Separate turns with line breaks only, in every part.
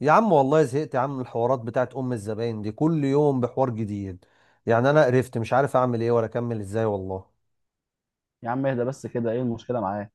يا عم والله زهقت يا عم من الحوارات بتاعت ام الزباين دي كل يوم بحوار جديد. يعني انا قرفت مش عارف اعمل ايه ولا اكمل ازاي والله.
يا عم اهدى بس كده، ايه المشكله معاه؟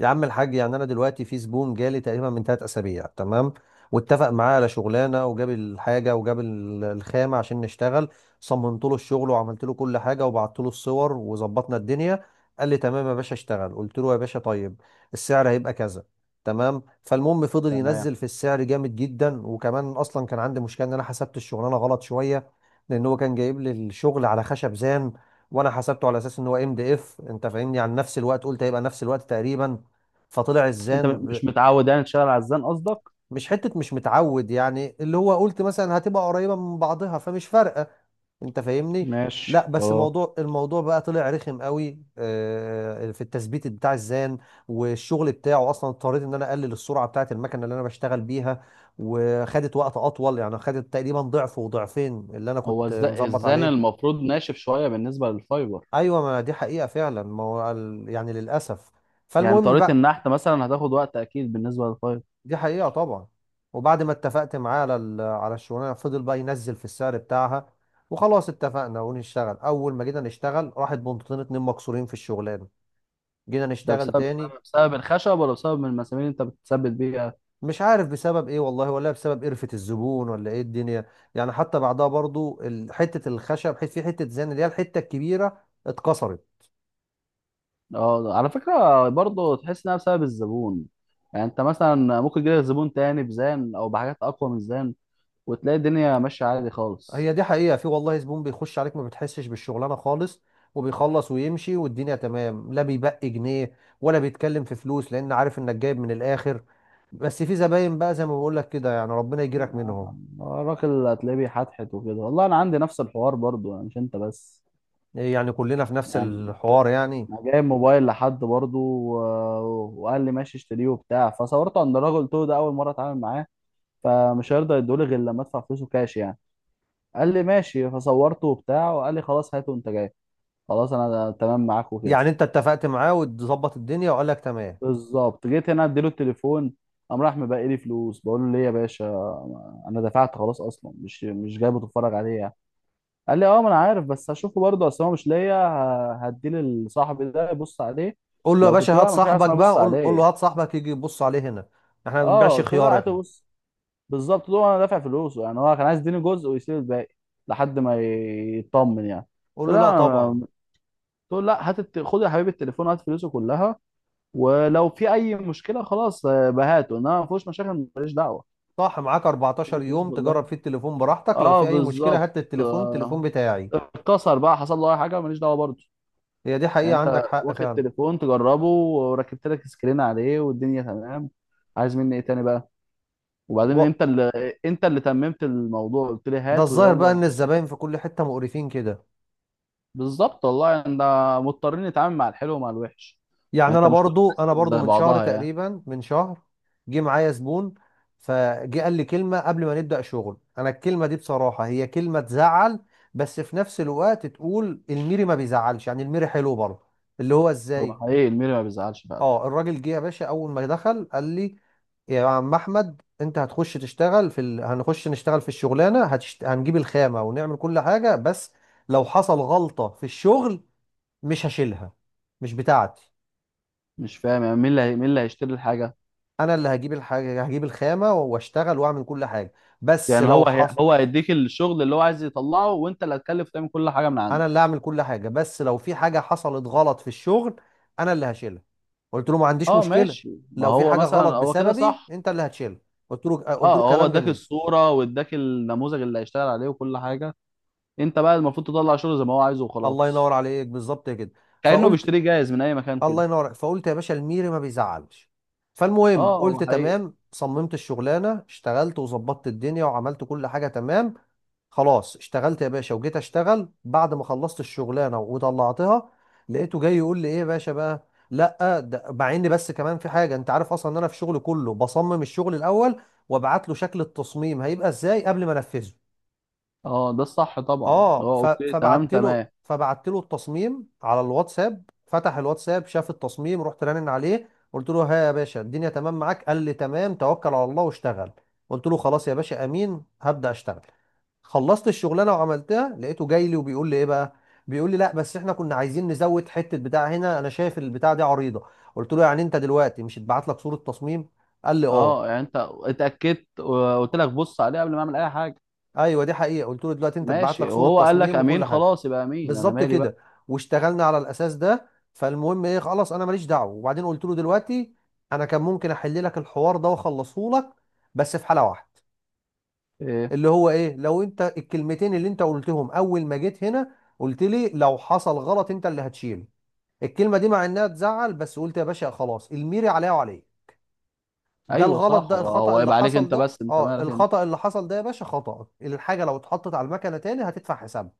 يا عم الحاج، يعني انا دلوقتي في زبون جالي تقريبا من ثلاث اسابيع، تمام؟ واتفق معاه على شغلانه وجاب الحاجه وجاب الخامه عشان نشتغل. صممت له الشغل وعملت له كل حاجه وبعت له الصور وظبطنا الدنيا. قال لي تمام يا باشا اشتغل. قلت له يا باشا طيب، السعر هيبقى كذا. تمام. فالمهم فضل
تمام.
ينزل في السعر جامد جدا. وكمان اصلا كان عندي مشكله ان انا حسبت الشغلانه غلط شويه. لان هو كان جايب لي الشغل على خشب زان، وانا حسبته على اساس ان هو ام دي اف، انت فاهمني؟ عن نفس الوقت، قلت هيبقى نفس الوقت تقريبا، فطلع
انت
الزان.
مش متعود يعني تشتغل على الزان قصدك؟
مش حتة مش متعود، يعني اللي هو قلت مثلا هتبقى قريبة من بعضها فمش فارقة، انت فاهمني؟ لا
ماشي
بس
خلاص.
الموضوع بقى طلع رخم قوي آه، في التثبيت بتاع الزان. والشغل بتاعه اصلا اضطريت ان انا اقلل السرعة بتاعة المكنة اللي انا بشتغل بيها، وخدت وقت اطول. يعني خدت تقريبا ضعف وضعفين اللي انا
هو
كنت مظبط
الزان
عليه.
المفروض ناشف شويه بالنسبه للفايبر.
ايوه، ما دي حقيقة فعلا، ما هو يعني للاسف.
يعني
فالمهم
طريقه
بقى.
النحت مثلا هتاخد وقت اكيد بالنسبه للفايبر.
دي حقيقة طبعا. وبعد ما اتفقت معاه على على الشغلانة، فضل بقى ينزل في السعر بتاعها. وخلاص اتفقنا ونشتغل. أول ما جينا نشتغل، راحت بنطتين اتنين مكسورين في الشغلانة. جينا
ده
نشتغل
بسبب،
تاني.
بسبب الخشب ولا بسبب المسامير اللي انت بتثبت بيها؟
مش عارف بسبب ايه والله، ولا بسبب قرفة الزبون، ولا ايه الدنيا. يعني حتى بعدها برضو حتة الخشب، في حتة زان اللي هي الحتة الكبيرة اتكسرت.
اه، على فكره برضه تحس انها بسبب الزبون. يعني انت مثلا ممكن يجيلك زبون تاني بزان او بحاجات اقوى من الزان وتلاقي الدنيا ماشيه عادي خالص.
هي دي حقيقة، في والله زبون بيخش عليك ما بتحسش بالشغلانة خالص، وبيخلص ويمشي والدنيا تمام، لا بيبقي جنيه ولا بيتكلم في فلوس، لأن عارف إنك جايب من الآخر. بس في زباين بقى زي ما بقول لك كده، يعني ربنا يجيرك منهم.
الراجل هتلاقيه بيحتحت وكده، والله انا عندي نفس الحوار برضو يعني، مش انت بس.
يعني كلنا في نفس
يعني
الحوار يعني.
انا جايب موبايل لحد برضو و... وقال لي ماشي اشتريه وبتاع، فصورته عند الراجل. قلت له ده اول مره اتعامل معاه، فمش هيرضى يدولي غير لما ادفع فلوسه كاش يعني. قال لي ماشي، فصورته وبتاع وقال لي خلاص هاته وانت جاي. خلاص انا تمام معاك وكده.
يعني أنت اتفقت معاه وتظبط الدنيا وقال لك تمام.
بالظبط، جيت هنا اديله التليفون، قام راح مبقي لي فلوس. بقول له ليه يا باشا؟ انا دفعت خلاص اصلا، مش جايبه تتفرج عليه يعني. قال لي اه ما انا عارف، بس هشوفه برضه، اصل هو مش ليا، هديه لصاحبي ده يبص عليه.
قول له يا
لو
باشا
قلت له
هات
لا، مش عارف
صاحبك
اسمها
بقى،
بص
قول
عليه.
له هات صاحبك يجي يبص عليه هنا. احنا ما
اه
بنبيعش
قلت له لا
خيار
هاته
احنا.
بص. بالظبط، ده انا دافع فلوسه يعني. هو كان عايز يديني جزء ويسيب الباقي لحد ما يطمن يعني. قلت
قول
له
له لا
لا،
طبعا.
قلت له لا هات خد يا حبيبي التليفون، هات فلوسه كلها. ولو في اي مشكله خلاص، بهاته، انما ما فيهوش مشاكل ماليش دعوه.
صح معاك، 14
اديني فلوسه
يوم تجرب
كلها.
فيه التليفون براحتك، لو
اه
في أي مشكلة
بالظبط.
هات التليفون، التليفون
آه،
بتاعي.
اتكسر بقى، حصل له اي حاجه، ماليش دعوه برضه.
هي دي
يعني
حقيقة
انت
عندك حق
واخد
فعلا.
تليفون تجربه، وركبت لك سكرين عليه والدنيا تمام. عايز مني ايه تاني بقى؟ وبعدين
و...
انت اللي، انت اللي تممت الموضوع، قلت لي
ده
هات
الظاهر
ويلا
بقى ان
وخلاص.
الزباين في كل حتة مقرفين كده.
بالظبط والله يعني، ده مضطرين نتعامل مع الحلو ومع الوحش. يعني
يعني
انت
انا
مش كل
برضو، انا
الناس
برضو
زي
من شهر
بعضها يعني.
تقريبا، من شهر جه معايا زبون. فجه قال لي كلمة قبل ما نبدأ شغل. انا الكلمة دي بصراحة هي كلمة تزعل، بس في نفس الوقت تقول الميري ما بيزعلش، يعني الميري حلو برضه. اللي هو
هو
ازاي؟
حقيقي الميري ما بيزعلش فعلا.
اه الراجل جه يا باشا، اول ما دخل قال لي يا عم احمد، انت هتخش تشتغل في هنخش نشتغل في الشغلانه هنجيب الخامه ونعمل كل حاجه، بس لو حصل غلطه في الشغل، مش هشيلها، مش بتاعتي.
مش فاهم يعني، مين اللي مين اللي هيشتري الحاجه؟
انا اللي هجيب الحاجه، هجيب الخامه واشتغل واعمل كل حاجه، بس
يعني
لو
هو
حصل،
هو هيديك الشغل اللي هو عايز يطلعه، وانت اللي هتكلف تعمل كل حاجه من
انا
عندك؟
اللي هعمل كل حاجه، بس لو في حاجه حصلت غلط في الشغل، انا اللي هشيلها. قلت له ما عنديش
اه
مشكله،
ماشي. ما
لو في
هو
حاجه
مثلا
غلط
هو كده
بسببي
صح.
انت اللي هتشيلها. قلت له، قلت له
اه، هو
كلام
اداك
جميل.
الصورة واداك النموذج اللي هيشتغل عليه وكل حاجة، انت بقى المفروض تطلع شغل زي ما هو عايزه
الله ينور
وخلاص.
عليك بالظبط كده.
كأنه
فقلت،
بيشتريه جاهز من اي مكان كده.
الله ينور. فقلت يا باشا الميري ما بيزعلش. فالمهم
اه هو
قلت
حقيقي.
تمام. صممت الشغلانه، اشتغلت وظبطت الدنيا وعملت كل حاجه تمام. خلاص اشتغلت يا باشا، وجيت اشتغل بعد ما خلصت الشغلانه وطلعتها. لقيته جاي يقول لي ايه يا باشا بقى لا ده، مع ان بس كمان في حاجه، انت عارف اصلا ان انا في شغلي كله بصمم الشغل الاول، وابعت له شكل التصميم هيبقى ازاي قبل ما انفذه.
اه، ده الصح طبعا، اللي
اه
هو اوكي. تمام
فبعت له،
تمام.
فبعت له التصميم على الواتساب. فتح الواتساب، شاف التصميم، رحت رنن عليه، قلت له ها يا باشا، الدنيا تمام معاك؟ قال لي تمام، توكل على الله واشتغل. قلت له خلاص يا باشا، امين، هبدأ اشتغل. خلصت الشغلانه وعملتها. لقيته جاي لي وبيقول لي ايه بقى. بيقول لي لا بس احنا كنا عايزين نزود حته بتاع هنا، انا شايف البتاع دي عريضه. قلت له يعني انت دلوقتي مش اتبعت لك صوره تصميم؟ قال لي اه.
اه يعني انت اتأكدت وقلت لك بص عليه قبل ما اعمل اي حاجة.
ايوه دي حقيقه. قلت له دلوقتي انت اتبعت لك
ماشي،
صوره
وهو قال لك
تصميم وكل
امين،
حاجه.
خلاص يبقى امين، انا
بالظبط
مالي بقى.
كده. واشتغلنا على الاساس ده. فالمهم ايه، خلاص انا ماليش دعوه. وبعدين قلت له دلوقتي انا كان ممكن احل لك الحوار ده واخلصه لك، بس في حاله واحده،
إيه؟
اللي هو ايه، لو انت الكلمتين اللي انت قلتهم اول ما جيت هنا، قلت لي لو حصل غلط انت اللي هتشيله. الكلمه دي مع انها تزعل بس قلت يا باشا خلاص الميري عليا وعليك. ده
ايوه
الغلط
صح،
ده
هو
الخطأ اللي
يبقى عليك
حصل
انت
ده،
بس، انت
اه
مالك انت.
الخطأ اللي حصل ده يا باشا، خطأ الحاجه لو اتحطت على المكنه تاني هتدفع حسابها.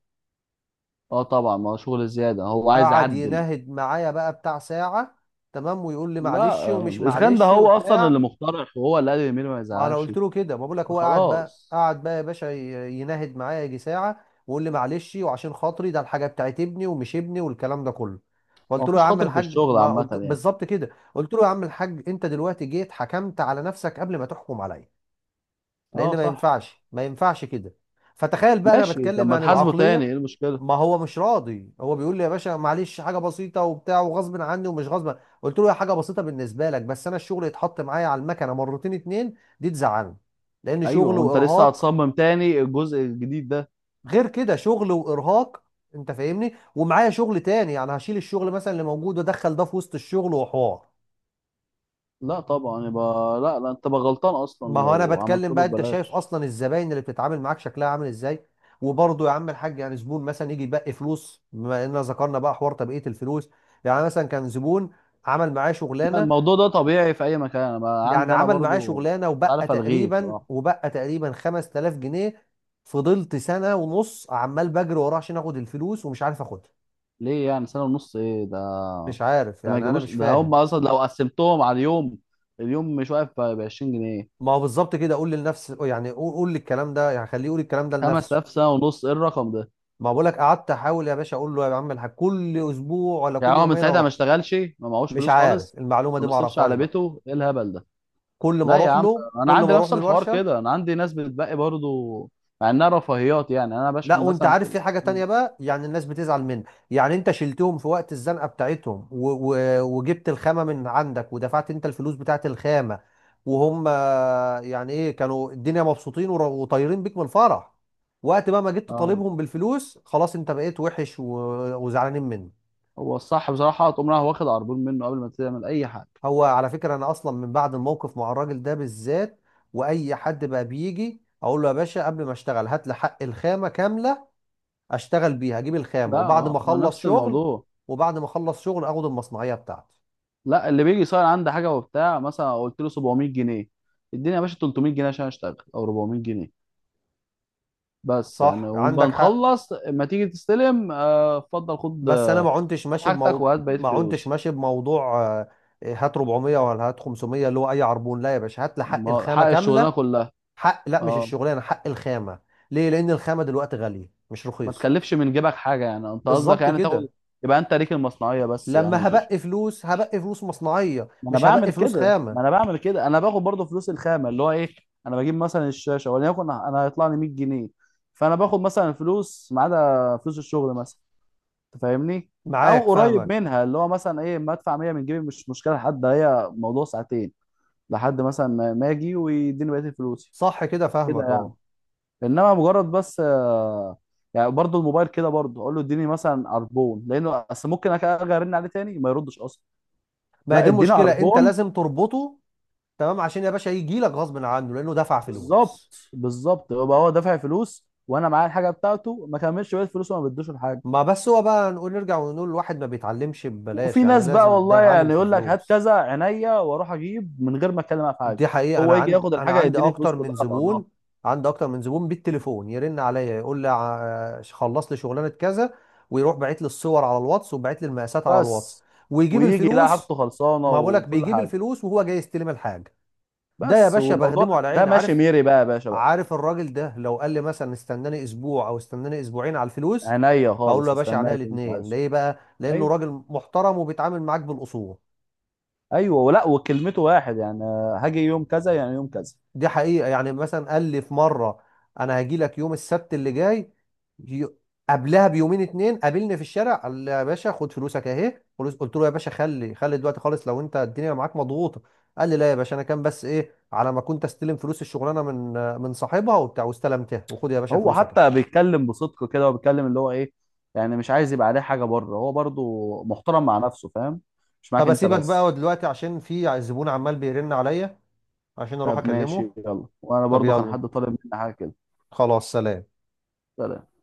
اه طبعا، ما هو شغل زيادة، هو عايز
قعد
يعدل.
يناهد معايا بقى بتاع ساعة، تمام، ويقول لي
لا
معلش ومش
الاسخان ده
معلش
هو اصلا
وبتاع.
اللي مخترع، وهو اللي قال اليمين ما
ما انا
يزعلش.
قلت له كده، ما بقول لك، هو قعد بقى،
خلاص.
قعد بقى يا باشا، يناهد معايا يجي ساعة، ويقول لي معلش وعشان خاطري ده الحاجة بتاعت ابني ومش ابني والكلام ده كله.
هو
فقلت له يا
مفيش
عم
خاطر في
الحاج،
الشغل
ما
عامة
قلت
يعني.
بالظبط كده. قلت له يا عم الحاج، انت دلوقتي جيت حكمت على نفسك قبل ما تحكم عليا،
اه
لان ما
صح.
ينفعش، ما ينفعش كده. فتخيل بقى انا
ماشي، طب
بتكلم
ما
يعني
تحاسبه تاني،
العقلية.
ايه المشكلة؟
ما هو مش راضي، هو بيقول لي يا باشا معلش حاجه بسيطه وبتاع، وغصب عني ومش غصب. قلت له يا حاجه بسيطه بالنسبه لك، بس انا الشغل يتحط معايا على المكنه مرتين اتنين، دي تزعلني، لان
ايوه،
شغل
وانت لسه
وارهاق.
هتصمم تاني الجزء الجديد ده.
غير كده شغل وارهاق، انت فاهمني؟ ومعايا شغل تاني، يعني هشيل الشغل مثلا اللي موجود وادخل ده في وسط الشغل وحوار.
لا طبعا، يبقى لا، انت تبقى غلطان اصلا
ما هو انا
لو عملت
بتكلم بقى،
له
انت شايف
ببلاش.
اصلا الزباين اللي بتتعامل معاك شكلها عامل ازاي. وبرضه يا عم الحاج يعني زبون مثلا يجي يبقي فلوس، بما اننا ذكرنا بقى حوار تبقيه الفلوس. يعني مثلا كان زبون، عمل معاه
لا
شغلانه،
الموضوع ده طبيعي في اي مكان، انا بقى
يعني
عندي انا
عمل معاه
برضو مش
شغلانه، وبقى
عارف الغيه
تقريبا
بصراحة.
وبقى تقريبا 5000 جنيه. فضلت سنه ونص عمال بجري وراه عشان اخد الفلوس ومش عارف اخدها.
ليه يعني؟ سنة ونص ايه ده؟
مش عارف
ده ما
يعني، انا
يجيبوش،
مش
ده هم
فاهم.
اصلا لو قسمتهم على اليوم، اليوم مش واقف ب 20 جنيه.
ما هو بالظبط كده، قول لنفسي يعني، قول للكلام ده يعني، خليه يقول الكلام ده لنفسه.
5000 سنة ونص، ايه الرقم ده؟
ما بقولك قعدت احاول يا باشا، اقول له يا عم الحاج كل اسبوع ولا كل
يعني هو من
يومين
ساعتها ما
اروح.
اشتغلش، ما معهوش
مش
فلوس خالص؟
عارف المعلومه دي،
ما
ما
بيصرفش
اعرفهاش
على
بقى.
بيته؟ ايه الهبل ده؟
كل ما
لا يا
اروح
عم،
له
انا
كل
عندي
ما اروح
نفس
له
الحوار
الورشه.
كده، انا عندي ناس بتبقى برضو مع انها رفاهيات يعني. انا
لا
بشحن
وانت
مثلا في
عارف في حاجه
ال-
تانية بقى، يعني الناس بتزعل منك، يعني انت شلتهم في وقت الزنقه بتاعتهم و وجبت الخامه من عندك ودفعت انت الفلوس بتاعت الخامه. وهم آه، يعني ايه، كانوا الدنيا مبسوطين وطايرين بيك من الفرح. وقت بقى ما جيت
اه
تطالبهم بالفلوس، خلاص انت بقيت وحش وزعلانين منك.
هو الصح بصراحه تقوم رايح واخد عربون منه قبل ما تعمل اي حاجه.
هو على فكرة أنا أصلا من بعد الموقف مع الراجل ده بالذات، وأي حد بقى بيجي أقول له يا باشا قبل ما أشتغل هات لي حق الخامة كاملة، أشتغل بيها أجيب الخامة،
لا،
وبعد
ما
ما
ما
أخلص
نفس
شغل،
الموضوع.
وبعد ما أخلص شغل أخد المصنعية بتاعتي.
لا اللي بيجي يصير عنده حاجه وبتاع، مثلا قلت له 700 جنيه، اديني يا باشا 300 جنيه عشان اشتغل او 400 جنيه بس يعني،
صح عندك حق.
وبنخلص ما تيجي تستلم، اتفضل خد،
بس أنا ما عنتش
خد
ماشي
حاجتك وهات بقية
ما عنتش
فلوسي.
ماشي بموضوع آه، إيه، هات 400 ولا هات 500، اللي هو أي عربون. لا يا باشا، هات لي حق
ما- هو حق
الخامة
الشغلانة
كاملة.
كلها.
حق، لا مش
اه
الشغلانة، حق الخامة. ليه؟ لأن الخامة دلوقتي غالية مش
ما
رخيص.
تكلفش من جيبك حاجة يعني، انت قصدك
بالظبط
يعني تاخد،
كده.
يبقى انت ليك المصنعية بس يعني
لما
وكده.
هبقي فلوس، هبقي فلوس مصنعية،
ما انا
مش
بعمل
هبقي فلوس
كده ما انا
خامة.
بعمل كده انا باخد برضه فلوس الخامة اللي هو ايه، انا بجيب مثلا الشاشة وليكن انا هيطلع لي 100 جنيه، فانا باخد مثلا فلوس ما عدا فلوس الشغل مثلا، انت فاهمني؟ او
معاك،
قريب
فاهمك.
منها، اللي هو مثلا ايه ما ادفع 100 من جيبي مش مشكلة حد، هي موضوع ساعتين لحد مثلا ما اجي ويديني بقيه فلوسي
صح كده،
كده
فاهمك
يعني.
اه.
انما مجرد بس يعني برضو الموبايل كده برضو اقول له اديني مثلا عربون، لانه اصل ممكن ارجع ارن عليه تاني ما يردش اصلا.
ما هي
لا
دي
اديني
المشكلة، انت
عربون.
لازم تربطه. تمام عشان يا باشا يجي لك غصب عنه لانه دفع
بالظبط،
فلوس.
بالظبط، يبقى هو دافع فلوس وانا معايا الحاجه بتاعته، ما كملش بقيه فلوسه وما بدوش الحاجه.
ما بس هو بقى نقول نرجع ونقول الواحد ما بيتعلمش ببلاش،
وفي
يعني
ناس بقى
لازم ده
والله
يتعلم
يعني
في
يقول لك هات
الفلوس.
كذا عينيا واروح اجيب من غير ما اتكلم معاه في حاجه،
دي حقيقة، أنا
هو يجي
عندي
ياخد
أنا
الحاجه
عندي
يديني الفلوس
أكتر من
كلها على بعضها.
زبون. عندي أكتر من زبون بالتليفون يرن عليا يقول لي آه، خلص لي شغلانة كذا. ويروح باعت لي الصور على الواتس، وباعت لي المقاسات على الواتس.
بس
ويجيب
ويجي يلاقي
الفلوس.
حاجته خلصانه
ما بقولك
وكل
بيجيب
حاجه.
الفلوس وهو جاي يستلم الحاجة. ده يا
بس
باشا
والموضوع
بخدمه على
ده
عيني،
ماشي
عارف.
ميري بقى يا باشا بقى.
عارف الراجل ده لو قال لي مثلا استناني أسبوع أو استناني أسبوعين على الفلوس،
عينيا
هقول له
خالص،
يا باشا عينيا
استناك انت
الاتنين.
عايز.
ليه بقى؟ لأنه
ايوه.
راجل محترم وبيتعامل معاك بالأصول.
ايوه ولا، وكلمته واحد يعني، هاجي يوم كذا يعني يوم كذا.
دي حقيقة. يعني مثلا قال لي في مرة، أنا هاجي لك يوم السبت اللي جاي. ي- قبلها بيومين اتنين قابلني في الشارع قال لي يا باشا خد فلوسك أهي فلوس. قلت له يا باشا، خلي دلوقتي خالص لو أنت الدنيا معاك مضغوطة. قال لي لا يا باشا، أنا كان بس إيه، على ما كنت أستلم فلوس الشغلانة من صاحبها وبتاع، واستلمتها، وخد يا باشا
هو
فلوسك.
حتى بيتكلم بصدق كده، وبيتكلم اللي هو ايه يعني، مش عايز يبقى عليه حاجه بره، هو برضو محترم مع نفسه، فاهم؟ مش
طب
معاك انت
أسيبك بقى
بس.
دلوقتي عشان في زبون عمال بيرن عليا، عشان أروح
طب ماشي
أكلمه.
يلا، وانا
طب
برضو كان
يلا.
حد طالب مني حاجه كده.
خلاص سلام.